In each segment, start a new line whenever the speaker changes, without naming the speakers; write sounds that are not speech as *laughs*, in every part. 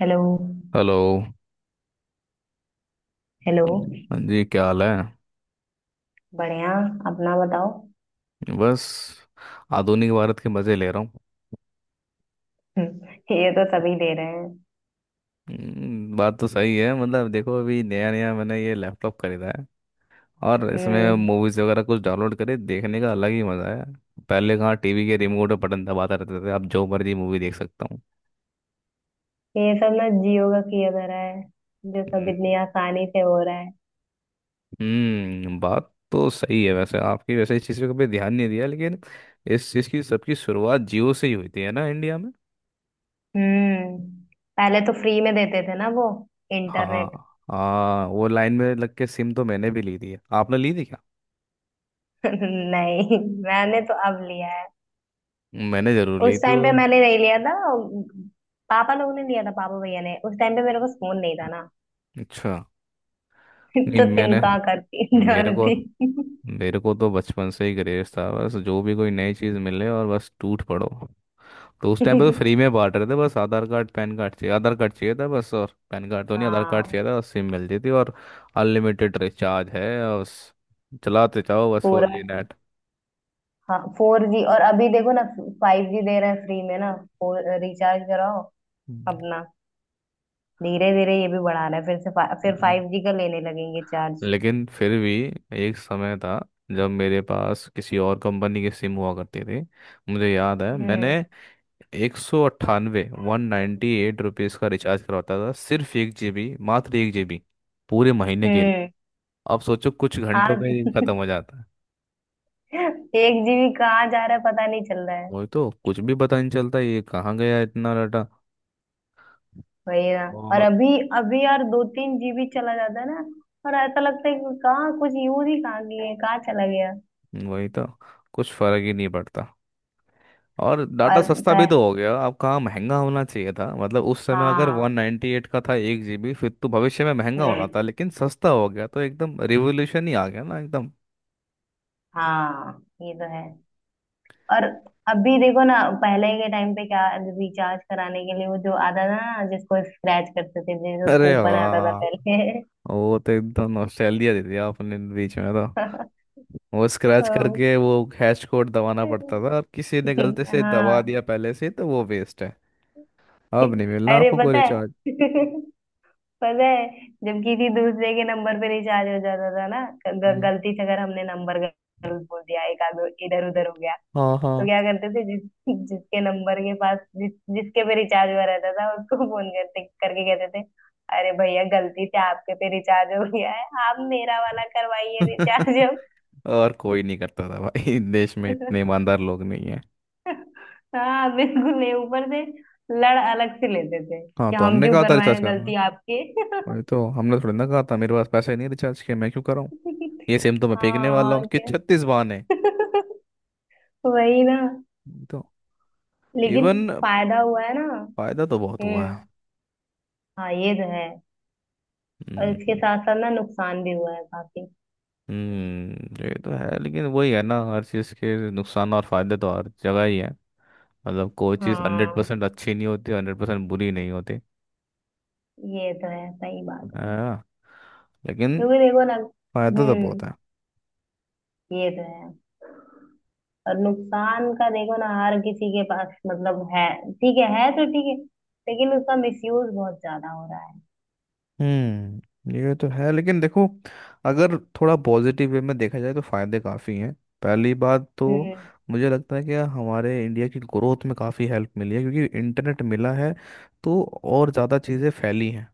Hello.
Hello.
Hello.
हाँ जी, क्या हाल है?
बढ़िया। अपना बताओ।
बस, आधुनिक भारत के मज़े ले रहा हूँ।
हम्म, ये तो सभी दे रहे हैं।
बात तो सही है। मतलब देखो, अभी नया नया मैंने ये लैपटॉप खरीदा है और इसमें
हम्म
मूवीज़ वगैरह कुछ डाउनलोड करे देखने का अलग ही मज़ा है। पहले कहाँ टीवी के रिमोट पे बटन दबाता रहते थे, अब जो मर्जी मूवी देख सकता हूँ।
ये सब ना जियो का किया जा रहा है जो सब
हम्म।
इतनी आसानी से हो रहा है।
बात तो सही है वैसे आपकी। वैसे इस चीज़ पे कभी ध्यान नहीं दिया लेकिन इस चीज़ की सबकी शुरुआत जियो से ही हुई थी, है ना इंडिया।
हम्म पहले तो फ्री में देते थे ना वो इंटरनेट
हाँ।
*laughs*
हाँ, वो लाइन में लग के सिम तो मैंने भी ली थी। आपने ली थी क्या?
नहीं, मैंने तो अब लिया है।
मैंने जरूर ली
उस
थी
टाइम पे
वो।
मैंने नहीं लिया था। पापा लोग ने लिया था, पापा भैया ने। उस टाइम पे मेरे पास फोन नहीं था ना।
अच्छा।
*laughs*
नहीं,
तो सिम
मैंने
कहाँ करती
मेरे को
डालती।
मेरे को तो बचपन से ही क्रेज था, बस जो भी कोई नई चीज़ मिले और बस टूट पड़ो। तो उस टाइम पे तो फ्री
*laughs*
में बांट रहे थे, बस आधार कार्ड पैन कार्ड चाहिए, आधार कार्ड चाहिए था बस, और पैन कार्ड तो नहीं, आधार कार्ड
हाँ।
चाहिए था, और सिम मिल जाती थी और अनलिमिटेड रिचार्ज है, और बस चलाते जाओ बस फोर
पूरा।
जी
हाँ, 4G। और अभी देखो ना, 5G दे रहे हैं फ्री में ना। फोर रिचार्ज कराओ अपना। धीरे धीरे ये भी बढ़ा रहा है, फिर से फिर
नेट।
5G का लेने लगेंगे चार्ज।
लेकिन फिर भी एक समय था जब मेरे पास किसी और कंपनी के सिम हुआ करते थे। मुझे याद है मैंने
हम्म।
198, 198 रुपीज़ का रिचार्ज करवाता था, सिर्फ 1 जीबी, मात्र 1 जीबी, पूरे महीने के लिए।
हम्म।
अब सोचो कुछ घंटों
आज
में ही खत्म हो जाता है।
*laughs* 1 GB कहाँ जा रहा है पता नहीं चल रहा है।
वही तो, कुछ भी पता नहीं चलता, ये कहाँ गया इतना डाटा।
वही ना। और
और
अभी, अभी यार 2-3 GB चला जाता है ना। और ऐसा लगता है कि कहाँ कुछ यूज ही कहाँ किए, कहाँ चला गया।
वही तो, कुछ फर्क ही नहीं पड़ता। और डाटा
और
सस्ता भी
पह,
तो हो गया, अब कहाँ महंगा होना चाहिए था। मतलब उस समय अगर
हाँ।
198 का था 1 जीबी, फिर तो भविष्य में महंगा होना
हम्म।
था, लेकिन सस्ता हो गया तो एकदम रिवोल्यूशन ही आ गया ना एकदम।
हाँ, ये तो है। और अभी देखो ना, पहले के टाइम पे क्या रिचार्ज कराने के लिए वो जो आता था ना जिसको स्क्रैच करते थे, जिसको
अरे
कूपन आता था
वाह,
पहले।
वो तो एकदम नॉस्टैल्जिया दे दिया आपने बीच में तो। वो स्क्रैच करके वो हैश कोड दबाना पड़ता था, और किसी ने गलती
*laughs*
से दबा
हाँ।
दिया पहले से तो वो वेस्ट है, अब नहीं मिलना
अरे
आपको कोई
पता है।
रिचार्ज।
*laughs* पता है जब किसी दूसरे के नंबर पे रिचार्ज हो जाता था ना,
हम्म,
गलती से अगर हमने नंबर गलत बोल दिया, एक आगे इधर उधर हो गया,
हाँ
तो
हाँ।
क्या करते थे जिसके नंबर के पास, जिस जिसके पे रिचार्ज हुआ रहता था उसको फोन करते करके कहते थे, अरे भैया गलती से आपके पे रिचार्ज हो गया है, आप मेरा वाला करवाइए रिचार्ज
*laughs*
अब।
और कोई नहीं करता था भाई, *laughs* देश में इतने
*laughs*
ईमानदार लोग नहीं।
हाँ, बिल्कुल। ये ऊपर से लड़ अलग से लेते थे
हाँ,
कि
तो
हम
हमने
क्यों
कहा था रिचार्ज
करवाएं,
करना?
गलती आपकी। *laughs*
वही तो, हमने थोड़ी ना कहा था। मेरे पास पैसे नहीं रिचार्ज के, मैं क्यों कराऊँ? ये सिम तो मैं फेंकने
हाँ,
वाला हूँ
और
कि
क्या।
छत्तीस बहाने।
*laughs* वही ना।
वही तो।
लेकिन
इवन,
फायदा हुआ है ना।
फायदा तो बहुत हुआ
हम्म।
है।
हाँ, ये तो है। और
हम्म।
इसके साथ साथ ना नुकसान भी हुआ है काफी।
ये तो है। लेकिन वही है ना, हर चीज़ के नुकसान और फायदे तो हर जगह ही है। मतलब कोई चीज़ हंड्रेड
हाँ,
परसेंट अच्छी नहीं होती, 100% बुरी नहीं होती।
ये तो है, सही बात है।
हाँ। लेकिन
क्योंकि देखो ना।
फायदा तो
हम्म,
बहुत है।
ये तो है। और नुकसान का देखो ना, हर किसी के पास मतलब है, ठीक है तो ठीक है, लेकिन उसका मिसयूज बहुत ज्यादा हो रहा है।
हम्म, ये तो है। लेकिन देखो, अगर थोड़ा पॉजिटिव वे में देखा जाए तो फायदे काफ़ी हैं। पहली बात तो,
हम्म।
मुझे लगता है कि हमारे इंडिया की ग्रोथ में काफ़ी हेल्प मिली है, क्योंकि इंटरनेट मिला है तो और ज़्यादा चीज़ें फैली हैं।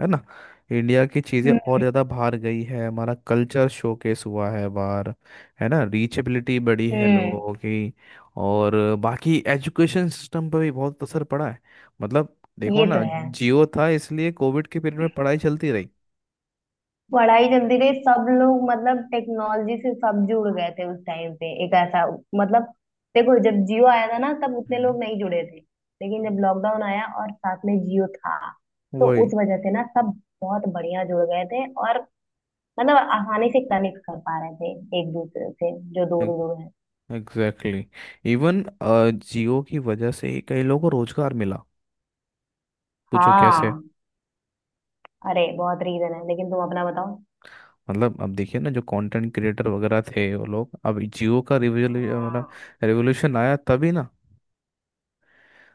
है ना। इंडिया की चीज़ें और
हम्म।
ज़्यादा बाहर गई है, हमारा कल्चर शोकेस हुआ है बाहर। है ना, रीचेबिलिटी बढ़ी है
हम्म,
लोगों की। और बाकी एजुकेशन सिस्टम पर भी बहुत असर पड़ा है। मतलब देखो
ये तो
ना,
है।
जियो था इसलिए कोविड के पीरियड में पढ़ाई चलती रही।
पढ़ाई चलती रही, सब लोग मतलब टेक्नोलॉजी से सब जुड़ गए थे उस टाइम पे एक ऐसा मतलब, देखो जब जियो आया था ना तब उतने
हम्म।
लोग नहीं जुड़े थे। लेकिन जब लॉकडाउन आया और साथ में जियो था, तो
वही।
उस वजह से ना सब बहुत बढ़िया जुड़ गए थे, और मतलब आसानी से कनेक्ट कर पा रहे थे एक दूसरे से, जो दूर दूर है।
एग्जैक्टली। इवन, जियो की वजह से ही कई लोगों को रोजगार मिला। पूछो कैसे।
हाँ, अरे बहुत रीजन है, लेकिन तुम अपना बताओ।
मतलब अब देखिए ना, जो कंटेंट क्रिएटर वगैरह थे, वो लोग अब जियो का
हाँ,
रिवोल्यूशन आया तभी ना।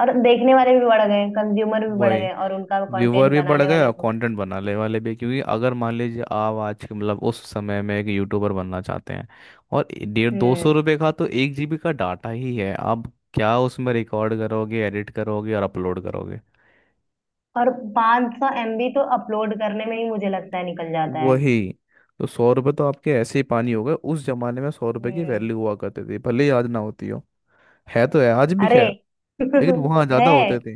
और देखने वाले भी बढ़ गए, कंज्यूमर भी बढ़
वही।
गए और उनका
व्यूअर
कंटेंट
भी बढ़
बनाने वाले
गया,
भी बढ़
कंटेंट बनाने वाले भी, क्योंकि अगर मान लीजिए आप आज के, मतलब उस समय में एक यूट्यूबर बनना चाहते हैं, और डेढ़
गए।
दो सौ रुपये का तो 1 जीबी का डाटा ही है आप, क्या उसमें रिकॉर्ड करोगे, एडिट करोगे और अपलोड करोगे?
और 500 सौ MB तो अपलोड करने में ही मुझे लगता है निकल जाता है।
वही तो। 100 रुपये तो आपके ऐसे ही पानी हो गए। उस जमाने में 100 रुपये की
हम्म।
वैल्यू हुआ करती थी, भले ही आज ना होती हो। है तो है आज भी,
अरे
खैर।
*laughs*
लेकिन वहाँ ज़्यादा
है
होते थे।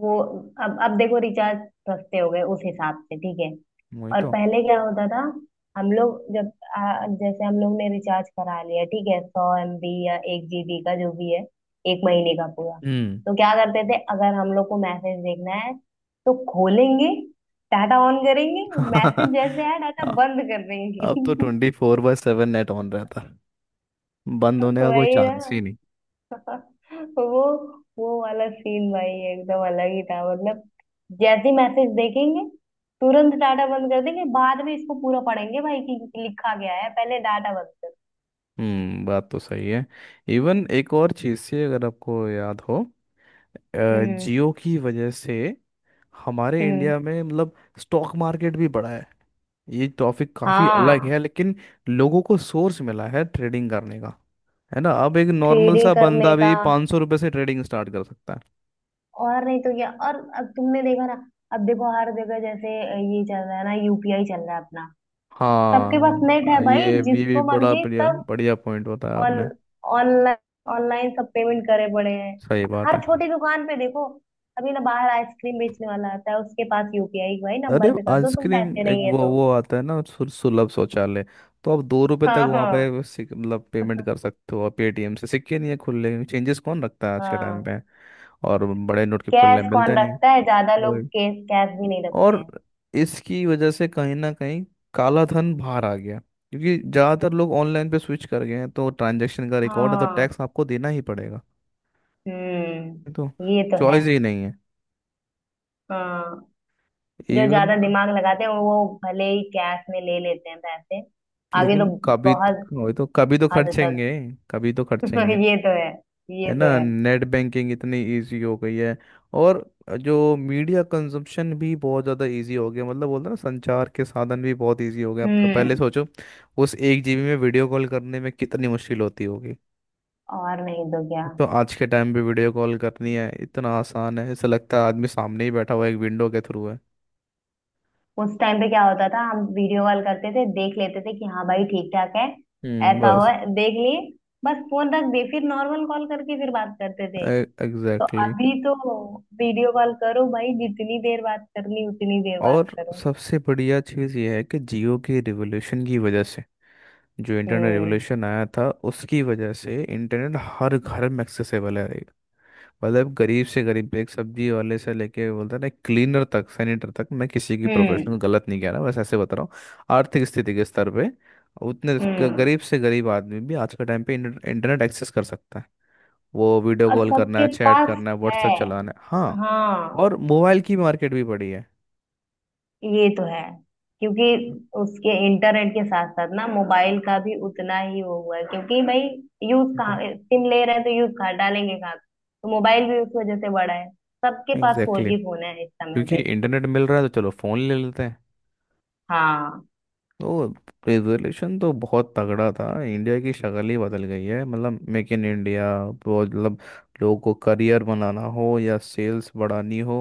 वो। अब देखो रिचार्ज सस्ते हो गए, उस हिसाब से ठीक है।
वही
और
तो।
पहले क्या होता था, हम लोग जब जैसे हम लोग ने रिचार्ज करा लिया, ठीक है 100 MB या 1 GB का जो भी है, एक महीने का पूरा,
हम्म
तो क्या करते थे अगर हम लोग को मैसेज देखना है, तो खोलेंगे डाटा ऑन करेंगे, मैसेज
*laughs*
जैसे आया डाटा
हाँ,
बंद कर
अब तो
देंगे। *laughs*
24/7 नेट ऑन रहता, बंद होने का कोई
वही ना।
चांस ही नहीं।
*laughs* वो वो वाला सीन भाई एकदम अलग ही था। मतलब जैसे ही मैसेज देखेंगे तुरंत डाटा बंद कर देंगे, बाद में इसको पूरा पढ़ेंगे भाई कि लिखा गया है, पहले डाटा बंद कर।
हम्म, बात तो सही है। इवन एक और चीज़ से, अगर आपको याद हो,
हम्म।
जियो की वजह से हमारे
हम्म।
इंडिया में, मतलब स्टॉक मार्केट भी बढ़ा है। ये टॉपिक काफ़ी अलग
हाँ,
है लेकिन लोगों को सोर्स मिला है ट्रेडिंग करने का। है ना, अब एक नॉर्मल
ट्रेडिंग
सा
करने
बंदा
का।
भी 500 रुपये से ट्रेडिंग स्टार्ट कर सकता है।
और नहीं तो क्या। और अब तुमने देखा ना, अब देखो हर जगह जैसे ये चल रहा है ना, UPI चल रहा है अपना। सबके पास नेट है
हाँ,
भाई,
ये भी,
जिसको
बड़ा
मर्जी
बढ़िया
सब
बढ़िया पॉइंट बताया
ऑन
आपने।
ऑनलाइन ऑनलाइन सब पेमेंट करे पड़े हैं।
सही बात
हर
है।
छोटी दुकान पे देखो, अभी ना बाहर आइसक्रीम बेचने वाला आता है उसके पास UPI, भाई
अरे
नंबर पे कर दो तुम,
आइसक्रीम,
पैसे
एक
नहीं है
वो
तो।
वो आता है ना सुलभ शौचालय, तो आप 2 रुपए तक
हाँ।
वहाँ
हाँ।
पे मतलब पेमेंट कर सकते हो। और पेटीएम से, सिक्के नहीं है खुले, चेंजेस कौन रखता है आज के टाइम
हाँ।
पे। और बड़े नोट के खुले
कैश कौन
मिलते नहीं हैं।
रखता है, ज्यादा लोग
वही।
कैश कैश भी नहीं रखते
और
हैं।
इसकी वजह से कहीं ना कहीं काला धन बाहर आ गया, क्योंकि ज़्यादातर लोग ऑनलाइन पे स्विच कर गए हैं तो ट्रांजैक्शन का रिकॉर्ड है तो
हाँ।
टैक्स आपको देना ही पड़ेगा। ये तो,
हम्म, ये तो है।
चॉइस ही नहीं है।
हाँ, जो
इवन,
ज्यादा दिमाग लगाते हैं वो भले ही कैश में ले लेते हैं पैसे। आगे
लेकिन
लोग
कभी,
बहुत
वही तो, कभी तो
हद तक।
खर्चेंगे। कभी तो
*laughs*
खर्चेंगे।
ये तो है। ये
है
तो
ना,
है।
नेट बैंकिंग इतनी इजी हो गई है। और जो मीडिया कंजप्शन भी बहुत ज़्यादा इजी हो गया, मतलब बोलते हैं ना, संचार के साधन भी बहुत इजी हो गए आपका। पहले
हम्म।
सोचो, उस 1 जीबी में वीडियो कॉल करने में कितनी मुश्किल होती होगी।
और नहीं तो क्या।
तो आज के टाइम पे वीडियो कॉल करनी है इतना आसान है, ऐसा लगता है आदमी सामने ही बैठा हुआ है, एक विंडो के थ्रू है।
उस टाइम पे क्या होता था, हम वीडियो कॉल करते थे देख लेते थे कि हाँ भाई ठीक ठाक है,
हम्म,
ऐसा हो,
बस।
देख लिए, बस फोन रख दिए, फिर नॉर्मल कॉल करके फिर बात करते थे। तो
एग्जैक्टली exactly।
अभी तो वीडियो कॉल करो भाई, जितनी देर बात करनी उतनी देर बात
और
करो।
सबसे बढ़िया चीज़ ये है कि जियो के रिवोल्यूशन की वजह से, जो इंटरनेट
हम्म।
रेवोल्यूशन आया था, उसकी वजह से इंटरनेट हर घर में एक्सेसिबल है। मतलब गरीब से गरीब, एक सब्जी वाले से लेके, बोलते हैं ना क्लीनर तक, सैनिटर तक, मैं किसी की
हम्म।
प्रोफेशनल गलत नहीं कह रहा, बस ऐसे बता रहा हूँ आर्थिक स्थिति के स्तर पे। उतने
हम्म।
गरीब से गरीब आदमी भी आज के टाइम पे इंटरनेट एक्सेस कर सकता है। वो वीडियो
और
कॉल करना
सबके
है, चैट
पास
करना है,
है।
व्हाट्सएप चलाना है। हाँ।
हाँ,
और मोबाइल की मार्केट भी बड़ी है
ये तो है। क्योंकि उसके इंटरनेट के साथ साथ ना मोबाइल का भी उतना ही वो हुआ है, क्योंकि भाई यूज
तो।
कहाँ सिम ले रहे हैं तो यूज कहाँ डालेंगे कहाँ, तो मोबाइल भी उस वजह से बड़ा है। सबके पास फोर
एग्जैक्टली
जी
exactly।
फोन है इस समय
क्योंकि
पे।
इंटरनेट मिल रहा है तो चलो फ़ोन ले लेते हैं।
हाँ।
वो रिजोल्यूशन तो बहुत तगड़ा था, इंडिया की शक्ल ही बदल गई है। मतलब मेक इन इंडिया, वो मतलब लोगों को करियर बनाना हो, या सेल्स बढ़ानी हो,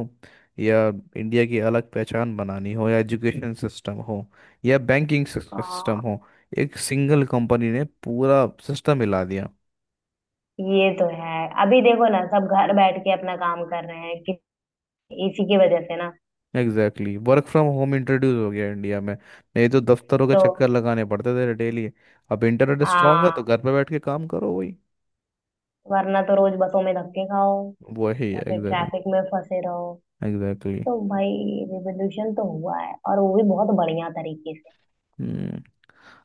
या इंडिया की अलग पहचान बनानी हो, या एजुकेशन सिस्टम हो, या बैंकिंग सिस्टम
हाँ,
हो, एक सिंगल कंपनी ने पूरा सिस्टम हिला दिया।
ये तो है। अभी देखो ना, सब घर बैठ के अपना काम कर रहे हैं कि, इसी की वजह से ना।
Exactly, work from home introduce हो गया इंडिया में, नहीं तो दफ्तरों के
तो
चक्कर लगाने पड़ते थे डेली। अब इंटरनेट स्ट्रांग है तो
हाँ,
घर पे बैठ के काम करो। वही।
वरना तो रोज बसों में धक्के खाओ,
वही है
या फिर
एग्जैक्टली।
ट्रैफिक में फंसे रहो।
एग्जैक्टली।
तो भाई, रिवोल्यूशन तो हुआ है और वो भी बहुत बढ़िया तरीके से।
हम्म,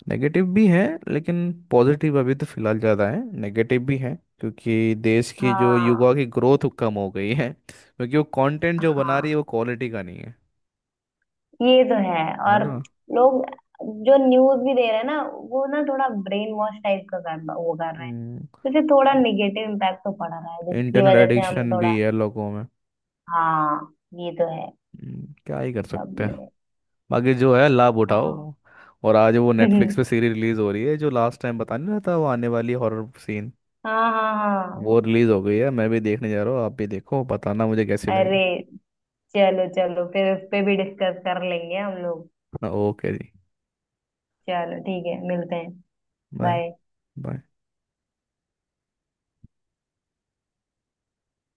नेगेटिव भी है, लेकिन पॉजिटिव अभी तो फिलहाल ज़्यादा है। नेगेटिव भी है, क्योंकि देश की जो युवा
हाँ।
की ग्रोथ कम हो गई है, क्योंकि वो कंटेंट जो बना रही है
हाँ,
वो क्वालिटी का नहीं है।
ये तो है।
है
और
ना।
लोग जो न्यूज भी दे रहे हैं ना वो ना थोड़ा ब्रेन वॉश टाइप का कर वो कर रहे हैं।
हम्म,
जैसे थोड़ा निगेटिव इम्पैक्ट तो पड़ रहा है, जिसकी
इंटरनेट
वजह से हम
एडिक्शन भी
थोड़ा।
है लोगों में।
हाँ, ये तो है।
क्या ही कर सकते हैं।
सबने।
बाकी जो है, लाभ
हाँ।
उठाओ। और आज वो नेटफ्लिक्स
*laughs*
पे सीरीज रिलीज हो रही है, जो लास्ट टाइम बता नहीं रहा था, वो आने वाली हॉरर सीन,
हाँ, हाँ, हाँ।
वो रिलीज हो गई है। मैं भी देखने जा रहा हूँ, आप भी देखो, बताना मुझे कैसी
अरे
लगी।
चलो चलो, फिर उस पे भी डिस्कस कर लेंगे हम लोग।
ओके जी।
चलो ठीक है, मिलते हैं।
बाय।
बाय।
बाय।